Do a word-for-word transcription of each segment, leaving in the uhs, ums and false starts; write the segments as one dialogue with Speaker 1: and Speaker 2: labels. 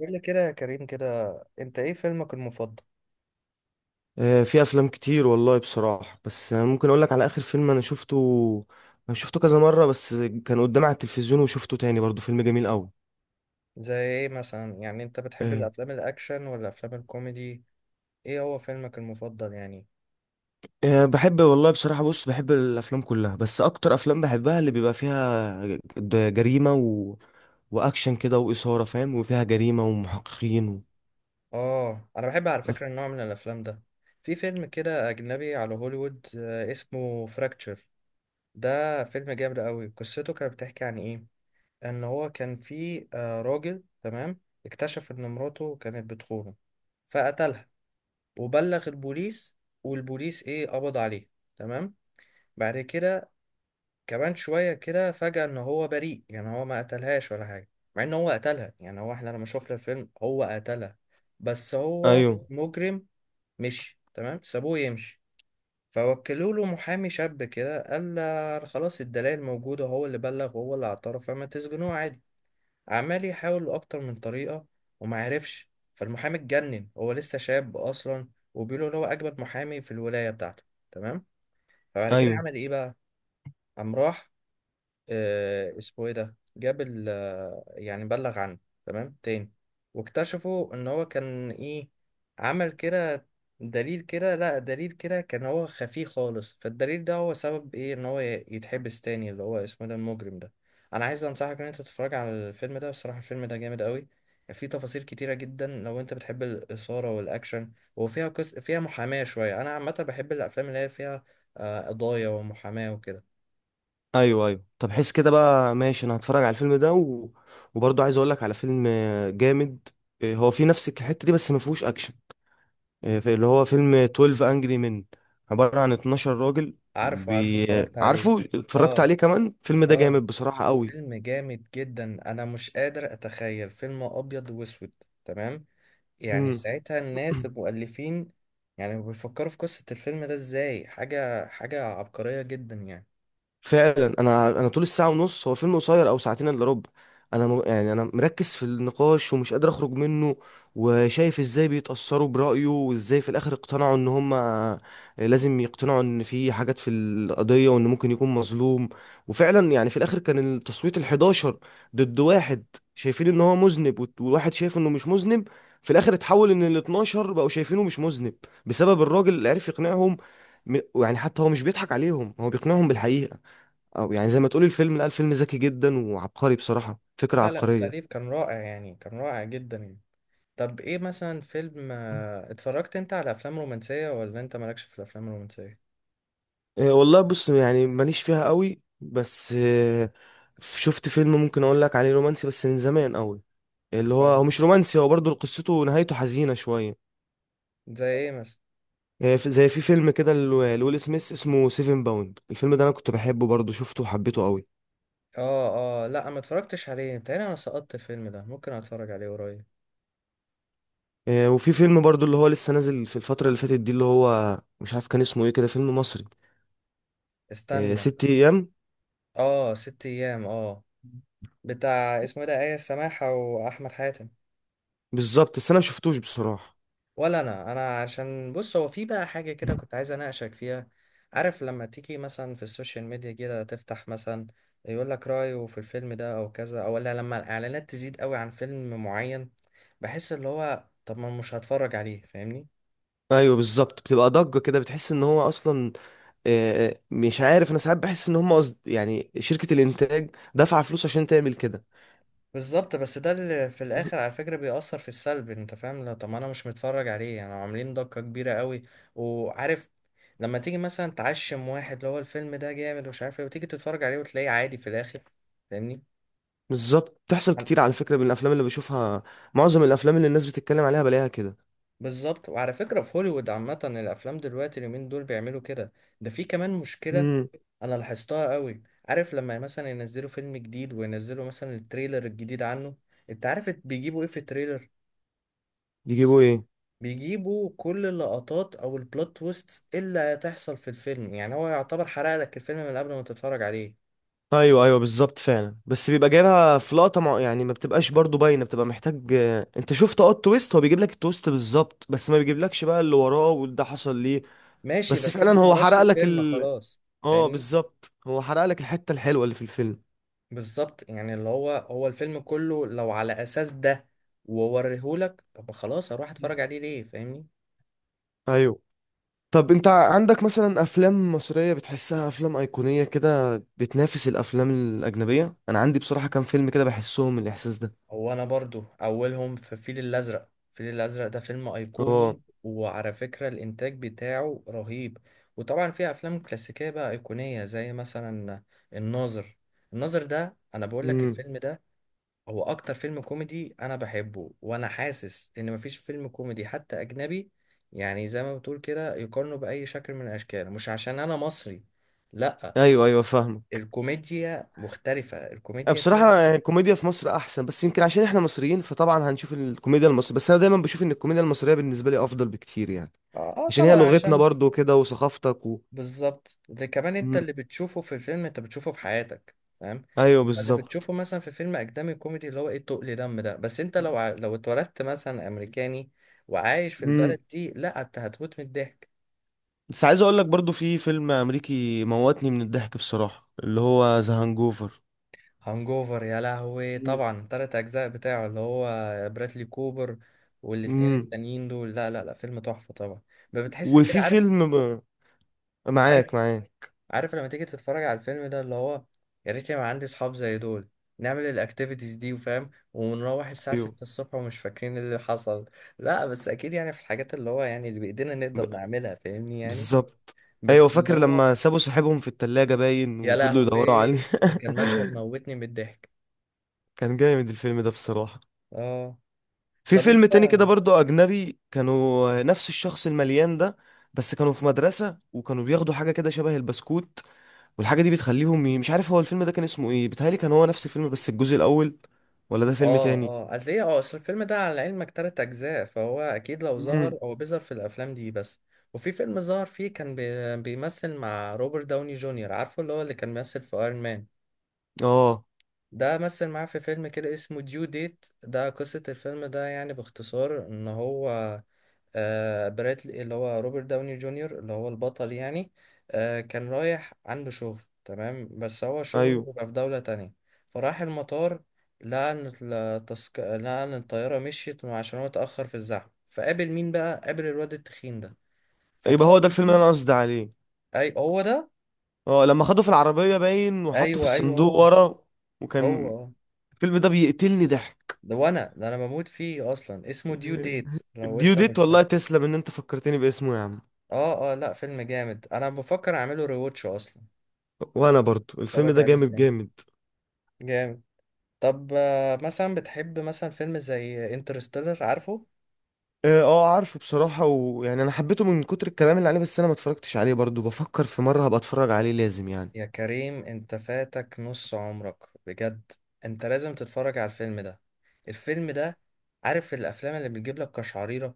Speaker 1: قول لي كده يا كريم كده، انت ايه فيلمك المفضل؟
Speaker 2: آه، في افلام كتير والله بصراحه، بس أنا ممكن اقول لك على اخر فيلم انا شفته انا شفته كذا مره بس. كان قدامي على التلفزيون وشفته تاني برضو، فيلم جميل قوي.
Speaker 1: زي ايه مثلا، يعني انت بتحب
Speaker 2: آه،
Speaker 1: الافلام الاكشن ولا افلام الكوميدي؟ ايه هو فيلمك المفضل يعني؟
Speaker 2: آه، بحب والله بصراحه، بص بحب الافلام كلها، بس اكتر افلام بحبها اللي بيبقى فيها ج- جريمه و... واكشن كده واثاره، فاهم، وفيها جريمه ومحققين و...
Speaker 1: اه، انا بحب على فكرة
Speaker 2: أف-
Speaker 1: النوع من الافلام ده. في فيلم كده اجنبي على هوليوود آه، اسمه فراكتشر. ده فيلم جامد قوي، قصته كانت بتحكي عن ايه؟ ان هو كان في آه، راجل، تمام. اكتشف ان مراته كانت بتخونه فقتلها وبلغ البوليس، والبوليس ايه، قبض عليه، تمام. بعد كده كمان شوية كده فجأة إن هو بريء، يعني هو ما قتلهاش ولا حاجة، مع إن هو قتلها، يعني هو، إحنا لما شفنا الفيلم هو قتلها، بس هو
Speaker 2: ايوه،
Speaker 1: مجرم. مشي، تمام، سابوه يمشي. فوكلوا له محامي شاب كده، قال له خلاص الدلائل موجودة، هو اللي بلغ وهو اللي اعترف، فما تسجنوه عادي. عمال يحاول أكتر من طريقة وما عرفش. فالمحامي اتجنن، هو لسه شاب أصلا، وبيقولوا إن هو أجمد محامي في الولاية بتاعته، تمام. فبعد كده
Speaker 2: ايوه،
Speaker 1: عمل إيه بقى؟ قام راح، آه، اسمه ايه ده، جاب ال آه، يعني بلغ عنه تمام. تاني واكتشفوا ان هو كان ايه، عمل كده دليل كده، لا دليل كده كان هو خفي خالص، فالدليل ده هو سبب ايه ان هو ي- يتحبس تاني، اللي هو اسمه إيه ده المجرم ده. انا عايز انصحك ان انت تتفرج على الفيلم ده، بصراحة الفيلم ده جامد قوي. فيه تفاصيل كتيرة جدا لو انت بتحب الإثارة والأكشن، وفيها قص... فيها محاماة شوية. انا عامة بحب الافلام اللي هي فيها آه، قضايا ومحاماة وكده.
Speaker 2: ايوه، ايوه. طب حس كده بقى، ماشي، انا هتفرج على الفيلم ده و... وبرضو عايز اقول لك على فيلم آه، جامد. آه، هو في نفس الحته دي، بس ما فيهوش اكشن. آه، في- اللي هو فيلم اتناشر انجري من، عبارة عن اتناشر راجل
Speaker 1: عارفه عارفه،
Speaker 2: بي...
Speaker 1: اتفرجت عليه.
Speaker 2: عارفه، اتفرجت
Speaker 1: اه،
Speaker 2: عليه كمان. الفيلم ده
Speaker 1: اه،
Speaker 2: جامد بصراحة قوي.
Speaker 1: فيلم جامد جدا، انا مش قادر اتخيل فيلم ابيض واسود، تمام. يعني ساعتها الناس المؤلفين، يعني بيفكروا في قصة الفيلم ده ازاي، حاجة حاجة عبقرية جدا يعني.
Speaker 2: فعلا، انا انا طول الساعه ونص، هو فيلم قصير، او ساعتين الا ربع. انا م... يعني انا مركز في النقاش ومش قادر اخرج منه، وشايف ازاي بيتاثروا برايه وازاي في الاخر اقتنعوا ان هم لازم يقتنعوا ان في حاجات في القضيه وان ممكن يكون مظلوم. وفعلا يعني في الاخر كان التصويت الحداشر ضد واحد، شايفين ان هو مذنب، وت- وواحد شايف انه مش مذنب. في الاخر اتحول ان الاتناشر بقوا شايفينه مش مذنب، بسبب الراجل اللي عرف يقنعهم. م- يعني حتى هو مش بيضحك عليهم، هو بيقنعهم بالحقيقه. او يعني زي ما تقول الفيلم، لا، الفيلم ذكي جدا وعبقري، بصراحة فكرة
Speaker 1: لا، لا،
Speaker 2: عبقرية.
Speaker 1: التأليف كان رائع، يعني كان رائع جدا يعني. طب ايه مثلا فيلم، آه، اتفرجت انت على افلام رومانسية ولا انت مالكش في الافلام الرومانسية؟
Speaker 2: إيه والله بص، يعني ماليش فيها قوي، بس إيه، شفت فيلم ممكن اقول لك عليه رومانسي بس من زمان قوي. اللي هو،
Speaker 1: اه،
Speaker 2: هو مش رومانسي، هو برضه قصته نهايته حزينة شوية.
Speaker 1: زي ايه مثلا؟
Speaker 2: إيه في- زي في فيلم كده ل- لويل سميث، اسمه سيفن باوند. الفيلم ده انا كنت بحبه برضه، شفته وحبيته قوي.
Speaker 1: اه، اه، لا، ما اتفرجتش عليه، بتهيألي انا سقطت الفيلم ده، ممكن اتفرج عليه قريب.
Speaker 2: إيه، وفي فيلم برضه اللي هو لسه نازل في الفترة اللي فاتت دي، اللي هو مش عارف كان اسمه ايه، كده فيلم مصري. إيه،
Speaker 1: استنى.
Speaker 2: ست ايام.
Speaker 1: اه، ست ايام، اه. بتاع اسمه إيه ده، آية سماحة واحمد حاتم.
Speaker 2: بالظبط، بس انا مشفتوش بصراحة.
Speaker 1: ولا انا انا عشان بص، هو في بقى حاجة كده كنت عايز اناقشك فيها. عارف لما تيجي مثلا في السوشيال ميديا كده، تفتح مثلا يقول لك رأيه في الفيلم ده او كذا، او ولا لما الاعلانات تزيد قوي عن فيلم معين، بحس اللي هو طب ما مش هتفرج عليه، فاهمني؟
Speaker 2: ايوه بالظبط، بتبقى ضجه كده، بتحس ان هو اصلا آه، آه، مش عارف. انا ساعات بحس ان هم قصد، يعني شركه الانتاج دافعه فلوس عشان تعمل كده.
Speaker 1: بالظبط، بس ده اللي في الاخر على فكره بيأثر في السلب، انت فاهم؟ لو طب ما انا مش متفرج عليه، يعني عاملين ضجه كبيره قوي. وعارف لما تيجي مثلا تعشم واحد اللي هو الفيلم ده جامد ومش عارف ايه، وتيجي تتفرج عليه وتلاقيه عادي في الاخر، فاهمني؟
Speaker 2: بالظبط، بتحصل
Speaker 1: عن-
Speaker 2: كتير على فكره من الافلام اللي بشوفها. معظم الافلام اللي الناس بتتكلم عليها بلاقيها كده.
Speaker 1: بالظبط. وعلى فكره في هوليوود عامه، الافلام دلوقتي اليومين دول بيعملوا كده. ده في كمان مشكله
Speaker 2: امم.
Speaker 1: انا لاحظتها قوي. عارف لما مثلا ينزلوا فيلم جديد، وينزلوا مثلا التريلر الجديد عنه، انت عارف بيجيبوا ايه في التريلر؟
Speaker 2: يجيبوا ايه؟
Speaker 1: بيجيبوا كل اللقطات او البلوت تويست اللي هتحصل في الفيلم، يعني هو يعتبر حرق لك الفيلم من قبل ما تتفرج عليه.
Speaker 2: ايوه ايوه بالظبط، فعلا. بس بيبقى جايبها في لقطه مع... يعني ما بتبقاش برضو باينه، بتبقى محتاج آه، انت شفت، اه التويست، هو بيجيب لك التويست بالظبط، بس ما بيجيبلكش بقى اللي وراه وده حصل ليه.
Speaker 1: ماشي،
Speaker 2: بس
Speaker 1: بس
Speaker 2: فعلا
Speaker 1: انت
Speaker 2: هو
Speaker 1: هرشت
Speaker 2: حرق لك.
Speaker 1: الفيلم خلاص،
Speaker 2: اه
Speaker 1: فاهمني؟
Speaker 2: بالظبط، هو حرق لك الحتة الحلوة اللي في الفيلم.
Speaker 1: بالظبط، يعني اللي هو هو الفيلم كله لو على اساس ده، ووريهولك، طب خلاص اروح اتفرج عليه ليه؟ فاهمني.
Speaker 2: ايوه. طب انت عندك مثلا افلام مصرية بتحسها افلام ايقونية كده، بتنافس الافلام الاجنبية؟ انا عندي بصراحة كام فيلم كده بحسهم الاحساس ده.
Speaker 1: هو انا برضو اولهم في الفيل الازرق، الفيل الازرق ده فيلم
Speaker 2: اه.
Speaker 1: ايقوني، وعلى فكرة الانتاج بتاعه رهيب. وطبعا في افلام كلاسيكية بقى ايقونية، زي مثلا الناظر. الناظر ده انا بقول لك
Speaker 2: امم.
Speaker 1: الفيلم ده هو اكتر فيلم كوميدي انا بحبه، وانا حاسس ان مفيش فيلم كوميدي حتى اجنبي، يعني زي ما بتقول كده يقارنه باي شكل من الاشكال، مش عشان انا مصري، لا.
Speaker 2: ايوه ايوه، فاهمة.
Speaker 1: الكوميديا مختلفة، الكوميديا فيها.
Speaker 2: بصراحة يعني الكوميديا في مصر احسن، بس يمكن عشان احنا مصريين، فطبعا هنشوف الكوميديا المصرية، بس انا دايما بشوف ان الكوميديا المصرية بالنسبة لي افضل بكتير يعني.
Speaker 1: اه، آه
Speaker 2: عشان هي
Speaker 1: طبعا
Speaker 2: لغتنا
Speaker 1: عشان.
Speaker 2: برضو كده وثقافتك و...
Speaker 1: بالظبط، ده كمان انت
Speaker 2: مم.
Speaker 1: اللي بتشوفه في الفيلم انت بتشوفه في حياتك، فاهم؟
Speaker 2: ايوه
Speaker 1: اما اللي
Speaker 2: بالظبط.
Speaker 1: بتشوفه مثلا في فيلم اجنبي كوميدي، اللي هو ايه، تقل دم ده، بس انت لو ع- لو اتولدت مثلا امريكاني وعايش في
Speaker 2: مم.
Speaker 1: البلد دي، لا، انت هتموت من الضحك.
Speaker 2: بس عايز اقول لك برضو في فيلم امريكي موتني من الضحك بصراحة، اللي هو ذا هانجوفر.
Speaker 1: هانجوفر، يا لهوي،
Speaker 2: مم.
Speaker 1: طبعا تلات اجزاء بتاعه، اللي هو برادلي كوبر، والاتنين
Speaker 2: امم.
Speaker 1: التانيين دول، لا لا لا، فيلم تحفة طبعا. ما بتحس كده،
Speaker 2: وفي
Speaker 1: عارف؟
Speaker 2: فيلم ب...
Speaker 1: عارف
Speaker 2: معاك معاك.
Speaker 1: عارف لما تيجي تتفرج على الفيلم ده اللي هو، يا ريت يبقى عندي اصحاب زي دول، نعمل الاكتيفيتيز دي وفاهم، ونروح الساعة
Speaker 2: ايوه
Speaker 1: ستة الصبح ومش فاكرين اللي حصل. لا بس اكيد، يعني في الحاجات اللي هو يعني اللي بايدينا نقدر نعملها، فاهمني يعني.
Speaker 2: بالظبط. ايوه،
Speaker 1: بس اللي
Speaker 2: فاكر
Speaker 1: هو،
Speaker 2: لما سابوا صاحبهم في التلاجة باين
Speaker 1: يا
Speaker 2: وفضلوا
Speaker 1: لهوي،
Speaker 2: يدوروا عليه.
Speaker 1: ده كان مشهد موتني من الضحك.
Speaker 2: كان جامد الفيلم ده بصراحة.
Speaker 1: اه،
Speaker 2: في
Speaker 1: طب
Speaker 2: فيلم
Speaker 1: انت.
Speaker 2: تاني كده برضو أجنبي، كانوا نفس الشخص المليان ده، بس كانوا في مدرسة وكانوا بياخدوا حاجة كده شبه البسكوت، والحاجة دي بتخليهم ي- مش عارف. هو الفيلم ده كان اسمه ايه؟ بيتهيألي كان هو نفس الفيلم بس الجزء الأول، ولا ده فيلم
Speaker 1: اه،
Speaker 2: تاني؟
Speaker 1: اه، اصل ايه اه اصل الفيلم ده على علمك تلات اجزاء، فهو اكيد لو
Speaker 2: امم.
Speaker 1: ظهر هو بيظهر في الافلام دي بس. وفي فيلم ظهر فيه كان بي- بيمثل مع روبرت داوني جونيور، عارفه اللي هو اللي كان بيمثل في ايرون مان.
Speaker 2: اه
Speaker 1: ده مثل معاه في فيلم كده اسمه ديو ديت. ده قصة الفيلم ده يعني باختصار ان هو، آه براتلي اللي هو روبرت داوني جونيور، اللي هو البطل يعني، آه كان رايح عنده شغل، تمام، بس هو شغله
Speaker 2: ايوه
Speaker 1: بيبقى في دولة تانية. فراح المطار، لقى ان التسك... لقى ان الطيارة مشيت عشان هو اتأخر في الزحمة. فقابل مين بقى؟ قابل الواد التخين ده،
Speaker 2: يبقى هو
Speaker 1: فطلب
Speaker 2: ده الفيلم اللي
Speaker 1: منه.
Speaker 2: انا قصدي عليه.
Speaker 1: اي هو ده.
Speaker 2: اه، لما خدوه في العربية باين وحطه في
Speaker 1: ايوه، ايوه،
Speaker 2: الصندوق
Speaker 1: هو
Speaker 2: ورا.
Speaker 1: هو.
Speaker 2: وكان
Speaker 1: آه.
Speaker 2: الفيلم ده بيقتلني ضحك.
Speaker 1: ده وانا، ده انا بموت فيه اصلا، اسمه ديو ديت لو انت
Speaker 2: ديوديت
Speaker 1: مش
Speaker 2: والله،
Speaker 1: فاكر.
Speaker 2: تسلم ان انت فكرتني باسمه يا عم.
Speaker 1: اه، اه، لا، فيلم جامد، انا بفكر اعمله ريواتش اصلا،
Speaker 2: وانا برضو الفيلم
Speaker 1: اتفرج
Speaker 2: ده
Speaker 1: عليه
Speaker 2: جامد
Speaker 1: تاني،
Speaker 2: جامد.
Speaker 1: جامد. طب آه، مثلا بتحب مثلا فيلم زي انترستيلر، عارفه؟
Speaker 2: اه آه، عارفه بصراحة، ويعني انا حبيته من كتر الكلام اللي عليه، بس انا ما اتفرجتش عليه برضو، بفكر في مرة هبقى اتفرج عليه لازم يعني.
Speaker 1: يا كريم، انت فاتك نص عمرك، بجد. انت لازم تتفرج على الفيلم ده، الفيلم ده. عارف الافلام اللي بتجيب لك قشعريرة،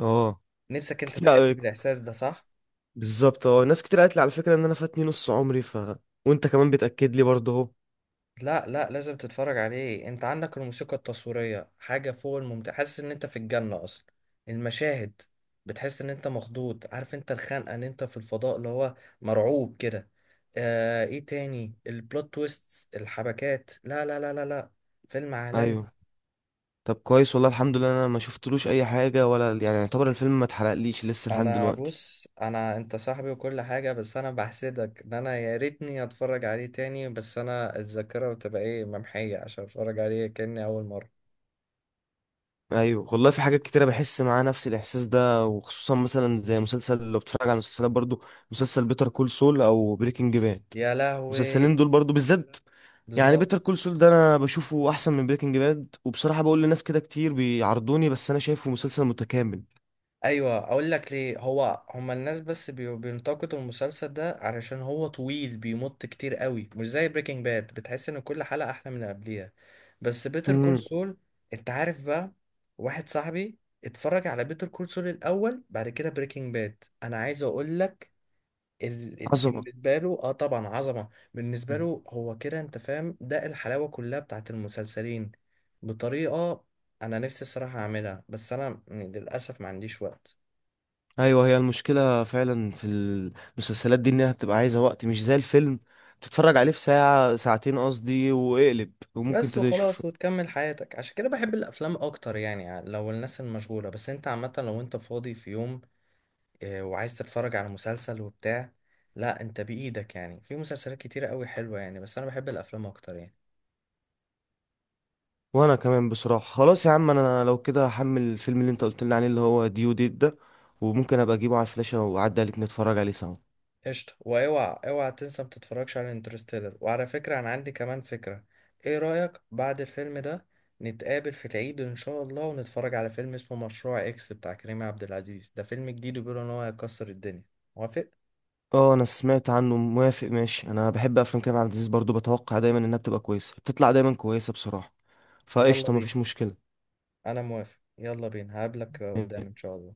Speaker 2: اه
Speaker 1: نفسك انت
Speaker 2: كتير
Speaker 1: تحس
Speaker 2: قوي.
Speaker 1: بالاحساس ده، صح؟
Speaker 2: بالظبط، اه ناس كتير قالت لي على فكرة ان انا فاتني نص عمري، ف وانت كمان بتأكد لي برضو اهو.
Speaker 1: لا، لا، لازم تتفرج عليه. انت عندك الموسيقى التصويرية حاجة فوق الممتع، حاسس ان انت في الجنة اصلا. المشاهد، بتحس ان انت مخضوض، عارف انت الخنقة ان انت في الفضاء اللي هو مرعوب كده. آه ايه تاني، البلوت تويست، الحبكات، لا لا لا لا لا، فيلم عالمي.
Speaker 2: ايوه. طب كويس والله الحمد لله، انا ما شفتلوش اي حاجة ولا يعني، يعتبر الفيلم ما اتحرقليش لسه لحد
Speaker 1: انا
Speaker 2: دلوقتي.
Speaker 1: بص انا، انت صاحبي وكل حاجة، بس انا بحسدك، ان انا يا ريتني اتفرج عليه تاني، بس انا الذاكرة بتبقى ايه، ممحية، عشان اتفرج عليه كأني اول مرة.
Speaker 2: ايوه والله، في حاجات كتيرة بحس معاه نفس الاحساس ده، وخصوصا مثلا زي مسلسل، لو بتتفرج على مسلسلات برضو، مسلسل بيتر كول سول او بريكنج باد،
Speaker 1: يا لهوي.
Speaker 2: المسلسلين دول برضو بالذات. يعني
Speaker 1: بالظبط.
Speaker 2: بيتر كول سول ده انا بشوفه احسن من بريكنج باد، وبصراحه بقول لناس كده كتير بيعرضوني، بس انا شايفه مسلسل متكامل.
Speaker 1: ايوه، اقول لك ليه، هو هما الناس بس بي- بينتقدوا المسلسل ده علشان هو طويل بيمط كتير قوي، مش زي بريكنج باد بتحس ان كل حلقة احلى من اللي قبليها. بس بيتر كول
Speaker 2: امم.
Speaker 1: سول، انت عارف بقى، واحد صاحبي اتفرج على بيتر كول سول الاول، بعد كده بريكنج باد. انا عايز اقول لك ال... ال-
Speaker 2: عظمه.
Speaker 1: بالنسبه له، اه طبعا، عظمه. بالنسبه
Speaker 2: مم.
Speaker 1: له هو كده، انت فاهم، ده الحلاوه كلها بتاعت المسلسلين، بطريقه. انا نفسي الصراحه اعملها، بس انا م- للاسف ما عنديش وقت.
Speaker 2: ايوه هي المشكله فعلا في المسلسلات دي، انها بتبقى عايزه وقت مش زي الفيلم تتفرج عليه في ساعه ساعتين قصدي واقلب، وممكن
Speaker 1: بس
Speaker 2: تشوف.
Speaker 1: وخلاص وتكمل حياتك، عشان كده بحب الافلام اكتر يعني، لو الناس المشغوله، بس انت عامه لو انت فاضي في يوم آه، وعايز تتفرج على مسلسل وبتاع، لا انت بايدك، يعني في مسلسلات كتيره قوي حلوه يعني، بس انا بحب الافلام اكتر يعني.
Speaker 2: وانا كمان بصراحه، خلاص يا عم انا لو كده هحمل الفيلم اللي انت قلت لي عليه اللي هو ديو ديت ده، وممكن ابقى اجيبه على الفلاشه واعدي عليك نتفرج عليه سوا.
Speaker 1: قشطه، واوعى اوعى تنسى ما تتفرجش على انترستيلر، وعلى فكره انا عندي كمان فكره. ايه رايك بعد الفيلم ده نتقابل في العيد ان شاء الله، ونتفرج على فيلم اسمه مشروع اكس بتاع كريم عبد العزيز، ده فيلم جديد وبيقولوا ان هو هيكسر الدنيا. موافق؟
Speaker 2: اه انا سمعت عنه، موافق، ماشي. انا بحب افلام كريم عبد العزيز برضو، بتوقع دايما انها بتبقى كويسه، بتطلع دايما كويسه بصراحه.
Speaker 1: يلا
Speaker 2: فقشطه،
Speaker 1: بينا.
Speaker 2: مفيش مشكله.
Speaker 1: انا موافق، يلا بينا، هقابلك قدام ان شاء الله.